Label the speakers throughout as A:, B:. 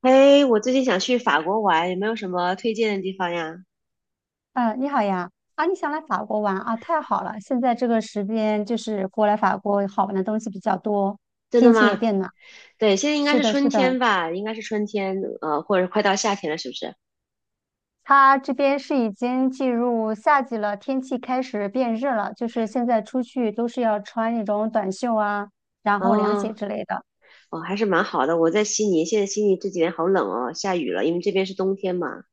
A: 哎，我最近想去法国玩，有没有什么推荐的地方呀？
B: 嗯，你好呀！啊，你想来法国玩啊？太好了，现在这个时间就是过来法国好玩的东西比较多，
A: 真的
B: 天气也
A: 吗？
B: 变暖。
A: 对，现在应该
B: 是
A: 是
B: 的，
A: 春
B: 是的，
A: 天吧，应该是春天，或者快到夏天了，是不是？
B: 它这边是已经进入夏季了，天气开始变热了，就是现在出去都是要穿那种短袖啊，然后凉
A: 哦，
B: 鞋之类的。
A: 哦，还是蛮好的。我在悉尼，现在悉尼这几天好冷哦，下雨了，因为这边是冬天嘛，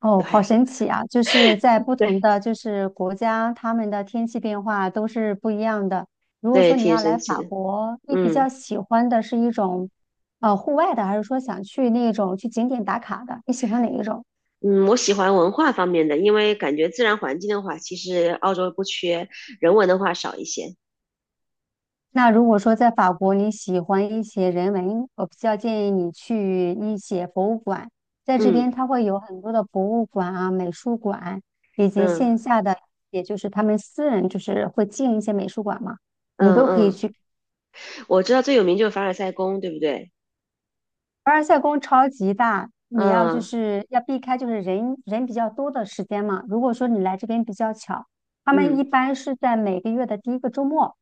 B: 哦，
A: 就
B: 好
A: 还
B: 神奇啊！就是在不同
A: 对
B: 的就是国家，他们的天气变化都是不一样的。如果
A: 对，
B: 说你
A: 挺
B: 要来
A: 神奇
B: 法
A: 的。
B: 国，你比较
A: 嗯
B: 喜欢的是一种户外的，还是说想去那种去景点打卡的？你喜欢哪一种？
A: 嗯，我喜欢文化方面的，因为感觉自然环境的话，其实澳洲不缺，人文的话少一些。
B: 那如果说在法国你喜欢一些人文，我比较建议你去一些博物馆，在这边
A: 嗯
B: 它会有很多的博物馆啊、美术馆，以及
A: 嗯
B: 线下的，也就是他们私人就是会进一些美术馆嘛。你
A: 嗯
B: 都可以
A: 嗯，
B: 去。
A: 我知道最有名就是凡尔赛宫，对不对？
B: 凡尔赛宫超级大，你要就
A: 嗯。
B: 是要避开就是人比较多的时间嘛。如果说你来这边比较巧，他们
A: 嗯，
B: 一般是在每个月的第一个周末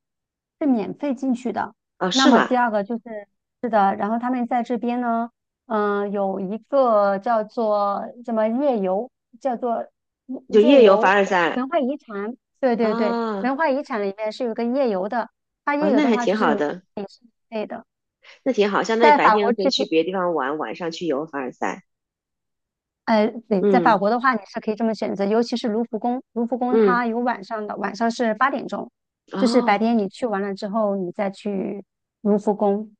B: 是免费进去的。
A: 哦，
B: 那
A: 是
B: 么
A: 吗？
B: 第二个就是是的，然后他们在这边呢，有一个叫做什么夜游，叫做
A: 就
B: 夜
A: 夜游凡
B: 游
A: 尔赛
B: 文化遗产，对对对，
A: 啊，
B: 文化遗产里面是有个夜游的，它
A: 哦，
B: 夜游
A: 那
B: 的
A: 还
B: 话
A: 挺
B: 就是
A: 好
B: 免
A: 的，
B: 费免费的。
A: 那挺好，相当于
B: 在
A: 白
B: 法
A: 天
B: 国
A: 可以
B: 这
A: 去
B: 边
A: 别的地方玩，晚上去游凡尔赛。
B: 对，在法
A: 嗯
B: 国的话，你是可以这么选择，尤其是卢浮宫，卢浮宫
A: 嗯，
B: 它有晚上的，晚上是8点钟，就是白
A: 哦，
B: 天你去完了之后，你再去卢浮宫。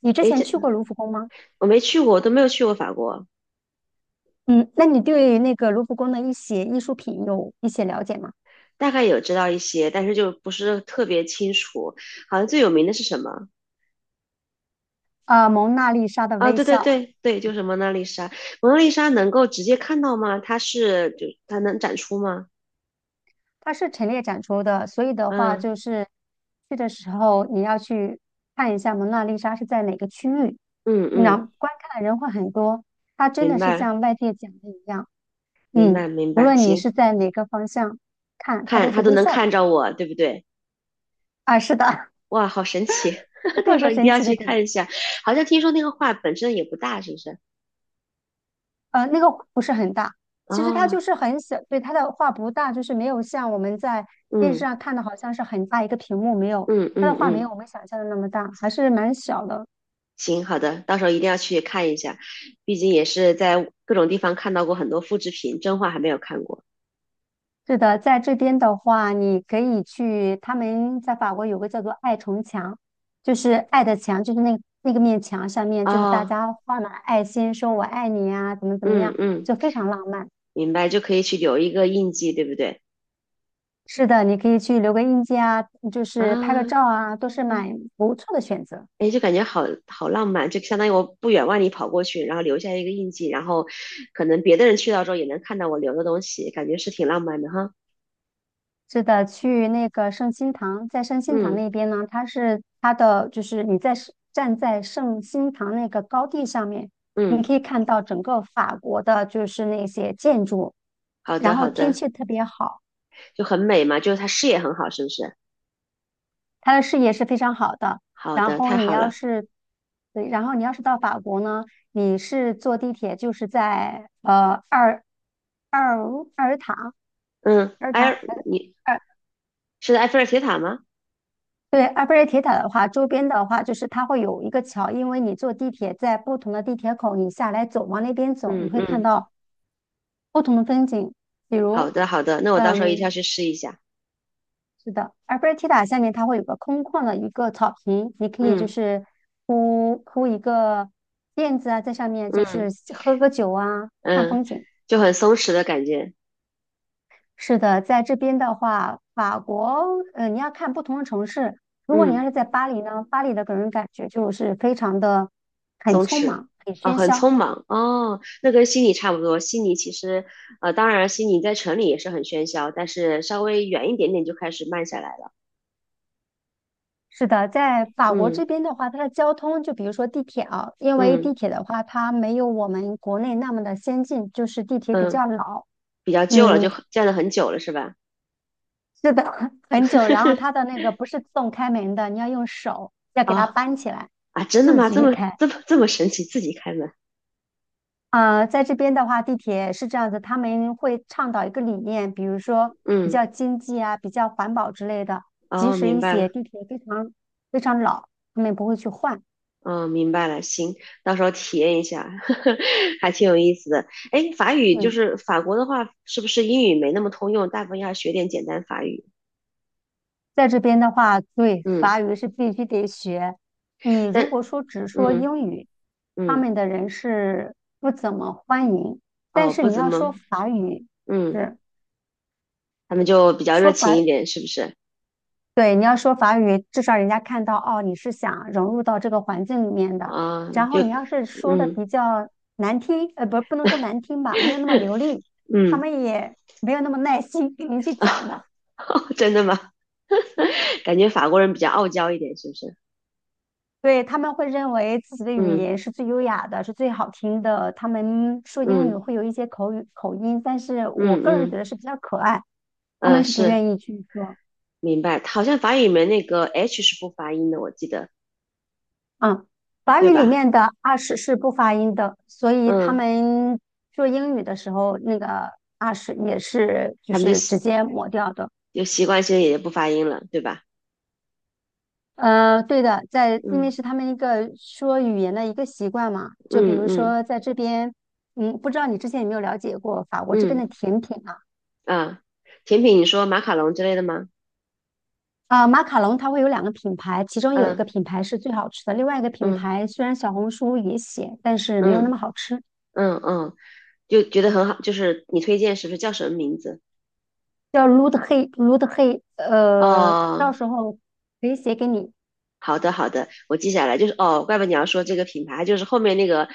B: 你之
A: 诶，
B: 前去过卢浮宫吗？
A: 我没去过，我都没有去过法国，
B: 嗯，那你对那个卢浮宫的一些艺术品有一些了解吗？
A: 大概有知道一些，但是就不是特别清楚。好像最有名的是什么？
B: 蒙娜丽莎的
A: 啊、
B: 微
A: 对对
B: 笑，
A: 对对，就是蒙娜丽莎。蒙娜丽莎能够直接看到吗？它是就它能展出吗？
B: 它是陈列展出的，所以的话
A: 嗯
B: 就是去的时候你要去看一下蒙娜丽莎是在哪个区域，
A: 嗯
B: 那
A: 嗯，
B: 观看的人会很多。它真
A: 明
B: 的是
A: 白
B: 像外界讲的一样。
A: 明
B: 嗯，
A: 白明
B: 无
A: 白，
B: 论你
A: 行，
B: 是在哪个方向看，它
A: 看
B: 都
A: 它
B: 是
A: 都
B: 微
A: 能
B: 笑
A: 看
B: 的
A: 着我，对不对？
B: 啊。是的，
A: 哇，好神奇！
B: 这 是
A: 到
B: 一
A: 时候
B: 个
A: 一定
B: 神
A: 要
B: 奇的
A: 去
B: 点。
A: 看一下。好像听说那个画本身也不大，是不是？
B: 那个不是很大，其实它
A: 哦，
B: 就是很小，对，它的画不大，就是没有像我们在电视
A: 嗯
B: 上看的，好像是很大一个屏幕，没有，
A: 嗯
B: 它的
A: 嗯
B: 画没有
A: 嗯，
B: 我们想象的那么大，还是蛮小的。
A: 行，好的，到时候一定要去看一下。毕竟也是在各种地方看到过很多复制品，真画还没有看过。
B: 是的，在这边的话，你可以去，他们在法国有个叫做爱城墙，就是爱的墙，就是那个面墙上面，就是大
A: 哦，
B: 家画满爱心，说我爱你啊，怎么怎么
A: 嗯
B: 样，
A: 嗯，
B: 就非常浪漫。
A: 明白，就可以去留一个印记，对不对？
B: 是的，你可以去留个印记啊，就
A: 啊，
B: 是拍个照啊，都是蛮不错的选择。
A: 哎，就感觉好好浪漫，就相当于我不远万里跑过去，然后留下一个印记，然后可能别的人去到之后也能看到我留的东西，感觉是挺浪漫的哈。
B: 是的，去那个圣心堂，在圣心堂
A: 嗯
B: 那边呢，它是它的就是你在是站在圣心堂那个高地上面，你
A: 嗯。
B: 可以看到整个法国的就是那些建筑，
A: 好的，
B: 然后
A: 好
B: 天
A: 的，
B: 气特别好，
A: 就很美嘛，就是它视野很好，是不是？
B: 它的视野是非常好的。
A: 好
B: 然
A: 的，
B: 后
A: 太
B: 你
A: 好
B: 要
A: 了。
B: 是，对，然后你要是到法国呢，你是坐地铁就是在呃二。二尔塔
A: 嗯，
B: 而
A: 埃
B: 它，
A: 尔，你
B: 而
A: 是埃菲尔铁塔吗？
B: 对，埃菲尔铁塔的话，周边的话就是它会有一个桥，因为你坐地铁在不同的地铁口，你下来走，往那边走，你
A: 嗯
B: 会看
A: 嗯，
B: 到不同的风景，比
A: 好
B: 如，
A: 的，好的，那我到时候一定要
B: 嗯，
A: 去试一下。
B: 是的，埃菲尔铁塔下面它会有个空旷的一个草坪，你可以就
A: 嗯
B: 是铺一个垫子啊，在上面就是
A: 嗯
B: 喝个酒啊，看
A: 嗯，
B: 风景。
A: 就很松弛的感觉。
B: 是的，在这边的话，法国，你要看不同的城市。如果你要
A: 嗯，
B: 是在巴黎呢，巴黎的给人感觉就是非常的很
A: 松
B: 匆
A: 弛
B: 忙、很
A: 哦，
B: 喧
A: 很
B: 嚣。
A: 匆忙哦，那跟悉尼差不多。悉尼其实，当然悉尼在城里也是很喧嚣，但是稍微远一点点就开始慢下来了。
B: 是的，在法国
A: 嗯
B: 这边的话，它的交通，就比如说地铁啊，因为
A: 嗯
B: 地铁的话，它没有我们国内那么的先进，就是地铁比
A: 嗯，
B: 较老，
A: 比较旧了，就
B: 嗯，
A: 很站了很久了，是吧？
B: 是的，很久。然后它 的那个不是自动开门的，你要用手要给它
A: 啊、
B: 搬起来，
A: 啊，真的
B: 自
A: 吗？这
B: 己
A: 么
B: 开。
A: 这么这么神奇，自己开门？
B: 在这边的话，地铁是这样子，他们会倡导一个理念，比如说比
A: 嗯，
B: 较经济啊、比较环保之类的。即
A: 哦，
B: 使
A: 明
B: 一
A: 白
B: 些
A: 了，
B: 地铁非常非常老，他们也不会去换。
A: 哦，明白了，行，到时候体验一下，还挺有意思的。哎，法语就
B: 嗯，
A: 是法国的话，是不是英语没那么通用？大部分要学点简单法语。
B: 在这边的话，对，
A: 嗯，
B: 法语是必须得学。你
A: 但
B: 如果说只说
A: 嗯
B: 英语，他
A: 嗯，
B: 们的人是不怎么欢迎。但
A: 哦，
B: 是
A: 不
B: 你
A: 怎
B: 要说
A: 么，
B: 法语，
A: 嗯，
B: 是
A: 他们就比较热
B: 说
A: 情
B: 法
A: 一点，是不是？
B: 对，你要说法语，至少人家看到哦，你是想融入到这个环境里面的。
A: 啊、
B: 然后
A: 就
B: 你要是说的
A: 嗯
B: 比较难听，不，不能说难听吧，没有那么流利，他
A: 嗯，
B: 们也没有那么耐心给你去讲的。
A: 真的吗？感觉法国人比较傲娇一点，是不是？
B: 对，他们会认为自己的语
A: 嗯
B: 言是最优雅的，是最好听的。他们说英语
A: 嗯
B: 会有一些口语口音，但是我
A: 嗯
B: 个人
A: 嗯，
B: 觉得是比较可爱，他
A: 嗯，
B: 们
A: 呃
B: 是不
A: 是。
B: 愿意去说。
A: 明白，好像法语里面那个 H 是不发音的，我记得，
B: 嗯，法
A: 对
B: 语里
A: 吧？
B: 面的 a s 是不发音的，所以他
A: 嗯，
B: 们说英语的时候，那个 a s 也是就
A: 他们就
B: 是直
A: 习
B: 接抹掉的。
A: 就习惯性也就不发音了，对吧？
B: 对的，因为
A: 嗯
B: 是他们一个说语言的一个习惯嘛，就比
A: 嗯
B: 如
A: 嗯
B: 说在这边，嗯，不知道你之前有没有了解过法国这边
A: 嗯
B: 的甜品啊？
A: 啊，甜品你说马卡龙之类的吗？
B: 啊，马卡龙它会有两个品牌，其中有一个
A: 嗯
B: 品牌是最好吃的，另外一个品
A: 嗯
B: 牌虽然小红书也写，但是没有那
A: 嗯
B: 么好吃。
A: 嗯嗯，就觉得很好，就是你推荐是不是叫什么名字？
B: 叫 Root He Root He，到
A: 哦，
B: 时候可以写给你。
A: 好的好的，我记下来，就是哦，怪不得你要说这个品牌，就是后面那个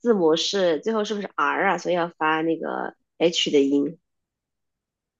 A: 字母是最后是不是 R 啊？所以要发那个 H 的音。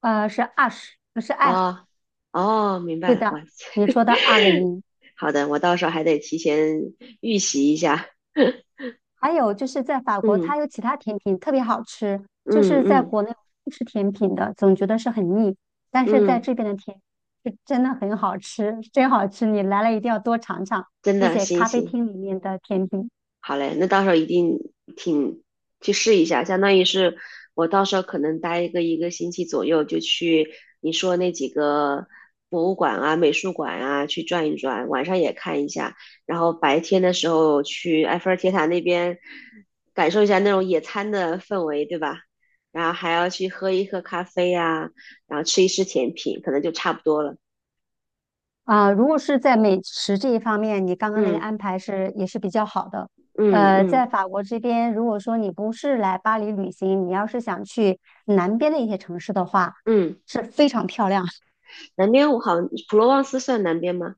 B: 是 ash，不是 a，
A: 哦哦，明白
B: 对
A: 了，哇
B: 的，
A: 塞！
B: 你说的 r 的音。
A: 好的，我到时候还得提前预习一下。
B: 还有就是在法国，
A: 嗯
B: 它有其他甜品特别好吃，就
A: 嗯
B: 是在
A: 嗯
B: 国内不吃甜品的，总觉得是很腻，但是在
A: 嗯，
B: 这边的甜是真的很好吃，真好吃，你来了一定要多尝尝
A: 真
B: 那
A: 的，
B: 些
A: 行
B: 咖啡
A: 行。
B: 厅里面的甜品。
A: 好嘞，那到时候一定挺去试一下，相当于是我到时候可能待一个星期左右，就去你说那几个博物馆啊、美术馆啊去转一转，晚上也看一下，然后白天的时候去埃菲尔铁塔那边感受一下那种野餐的氛围，对吧？然后还要去喝一喝咖啡啊，然后吃一吃甜品，可能就差不多了。
B: 啊，如果是在美食这一方面，你刚刚那个
A: 嗯
B: 安排是也是比较好的。
A: 嗯嗯
B: 在法国这边，如果说你不是来巴黎旅行，你要是想去南边的一些城市的话，
A: 嗯，
B: 是非常漂亮。
A: 南边我好像普罗旺斯算南边吗？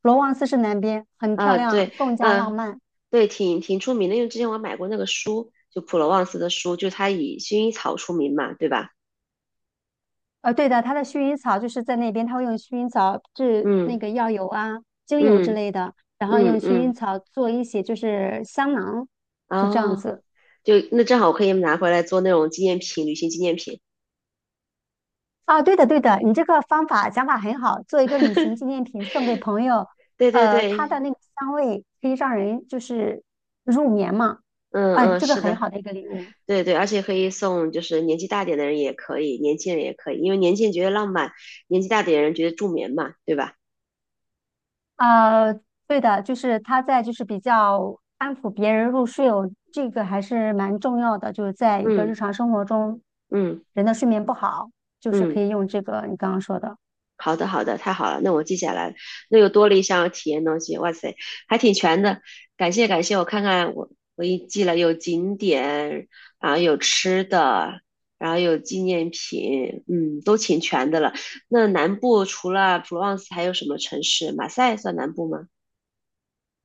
B: 罗旺斯是南边，很漂
A: 啊，对，
B: 亮，更加浪
A: 嗯、
B: 漫。
A: 对，挺出名的，因为之前我买过那个书，就普罗旺斯的书，就它以薰衣草出名嘛，对吧？
B: 对的，它的薰衣草就是在那边，它会用薰衣草制
A: 嗯
B: 那个药油啊、精油之
A: 嗯
B: 类的，然后用
A: 嗯
B: 薰衣
A: 嗯，
B: 草做一些就是香囊，就这样
A: 哦，
B: 子。
A: 就那正好可以拿回来做那种纪念品，旅行纪念品。
B: 啊，对的，对的，你这个方法想法很好，做一个旅行纪念品送给朋友，
A: 对对
B: 它
A: 对，
B: 的那个香味可以让人就是入眠嘛，
A: 嗯
B: 哎，
A: 嗯，
B: 这个
A: 是
B: 很
A: 的，
B: 好的一个礼物。
A: 对对，而且可以送，就是年纪大点的人也可以，年轻人也可以，因为年轻人觉得浪漫，年纪大点的人觉得助眠嘛，对吧？
B: 呃，对的，就是它在就是比较安抚别人入睡哦，这个还是蛮重要的，就是在一个日
A: 嗯
B: 常生活中，
A: 嗯
B: 人的睡眠不好，就是可
A: 嗯。
B: 以用这个你刚刚说的。
A: 好的，好的，太好了，那我记下来了。那又多了一项体验东西，哇塞，还挺全的。感谢感谢，我看看我一记了，有景点，然后有吃的，然后有纪念品，嗯，都挺全的了。那南部除了普罗旺斯还有什么城市？马赛算南部吗？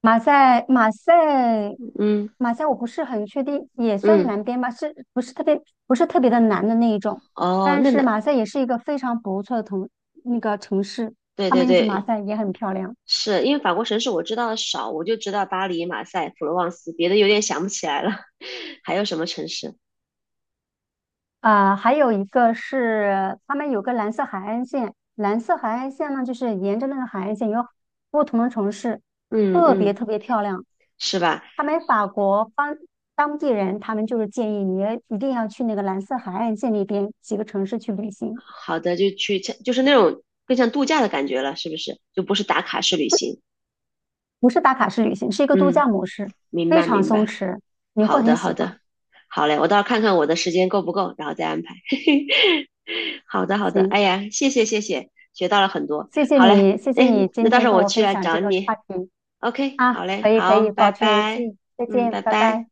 B: 马赛，马赛，
A: 嗯
B: 马赛，我不是很确定，也算
A: 嗯，
B: 南边吧，是不是特别不是特别的南的那一种？
A: 哦，
B: 但
A: 那
B: 是
A: 南，
B: 马赛也是一个非常不错的城，那个城市，
A: 对
B: 他
A: 对
B: 们就马
A: 对，
B: 赛也很漂亮。
A: 是因为法国城市我知道的少，我就知道巴黎、马赛、普罗旺斯，别的有点想不起来了。还有什么城市？
B: 啊、还有一个是他们有个蓝色海岸线，蓝色海岸线呢，就是沿着那个海岸线有不同的城市，
A: 嗯
B: 特别
A: 嗯。
B: 特别漂亮。
A: 是吧？
B: 他们法国方当地人，他们就是建议你一定要去那个蓝色海岸线那边几个城市去旅行。
A: 好的，就去，就是那种更像度假的感觉了，是不是？就不是打卡式旅行。
B: 不是打卡式旅行，是一个度
A: 嗯，
B: 假模式，
A: 明
B: 非
A: 白
B: 常
A: 明
B: 松
A: 白。
B: 弛，你会
A: 好
B: 很
A: 的
B: 喜
A: 好
B: 欢。
A: 的，好嘞，我到时候看看我的时间够不够，然后再安排。好的好的，
B: 行，
A: 哎呀，谢谢谢谢，学到了很多。
B: 谢谢
A: 好嘞，
B: 你，谢谢
A: 哎，
B: 你
A: 那
B: 今
A: 到时
B: 天
A: 候
B: 跟
A: 我
B: 我
A: 去
B: 分
A: 来
B: 享这
A: 找
B: 个话
A: 你。
B: 题。
A: OK，好
B: 啊，
A: 嘞，
B: 可以可
A: 好，
B: 以，
A: 拜
B: 保持联
A: 拜。
B: 系，再
A: 嗯，
B: 见，
A: 拜
B: 拜
A: 拜。
B: 拜。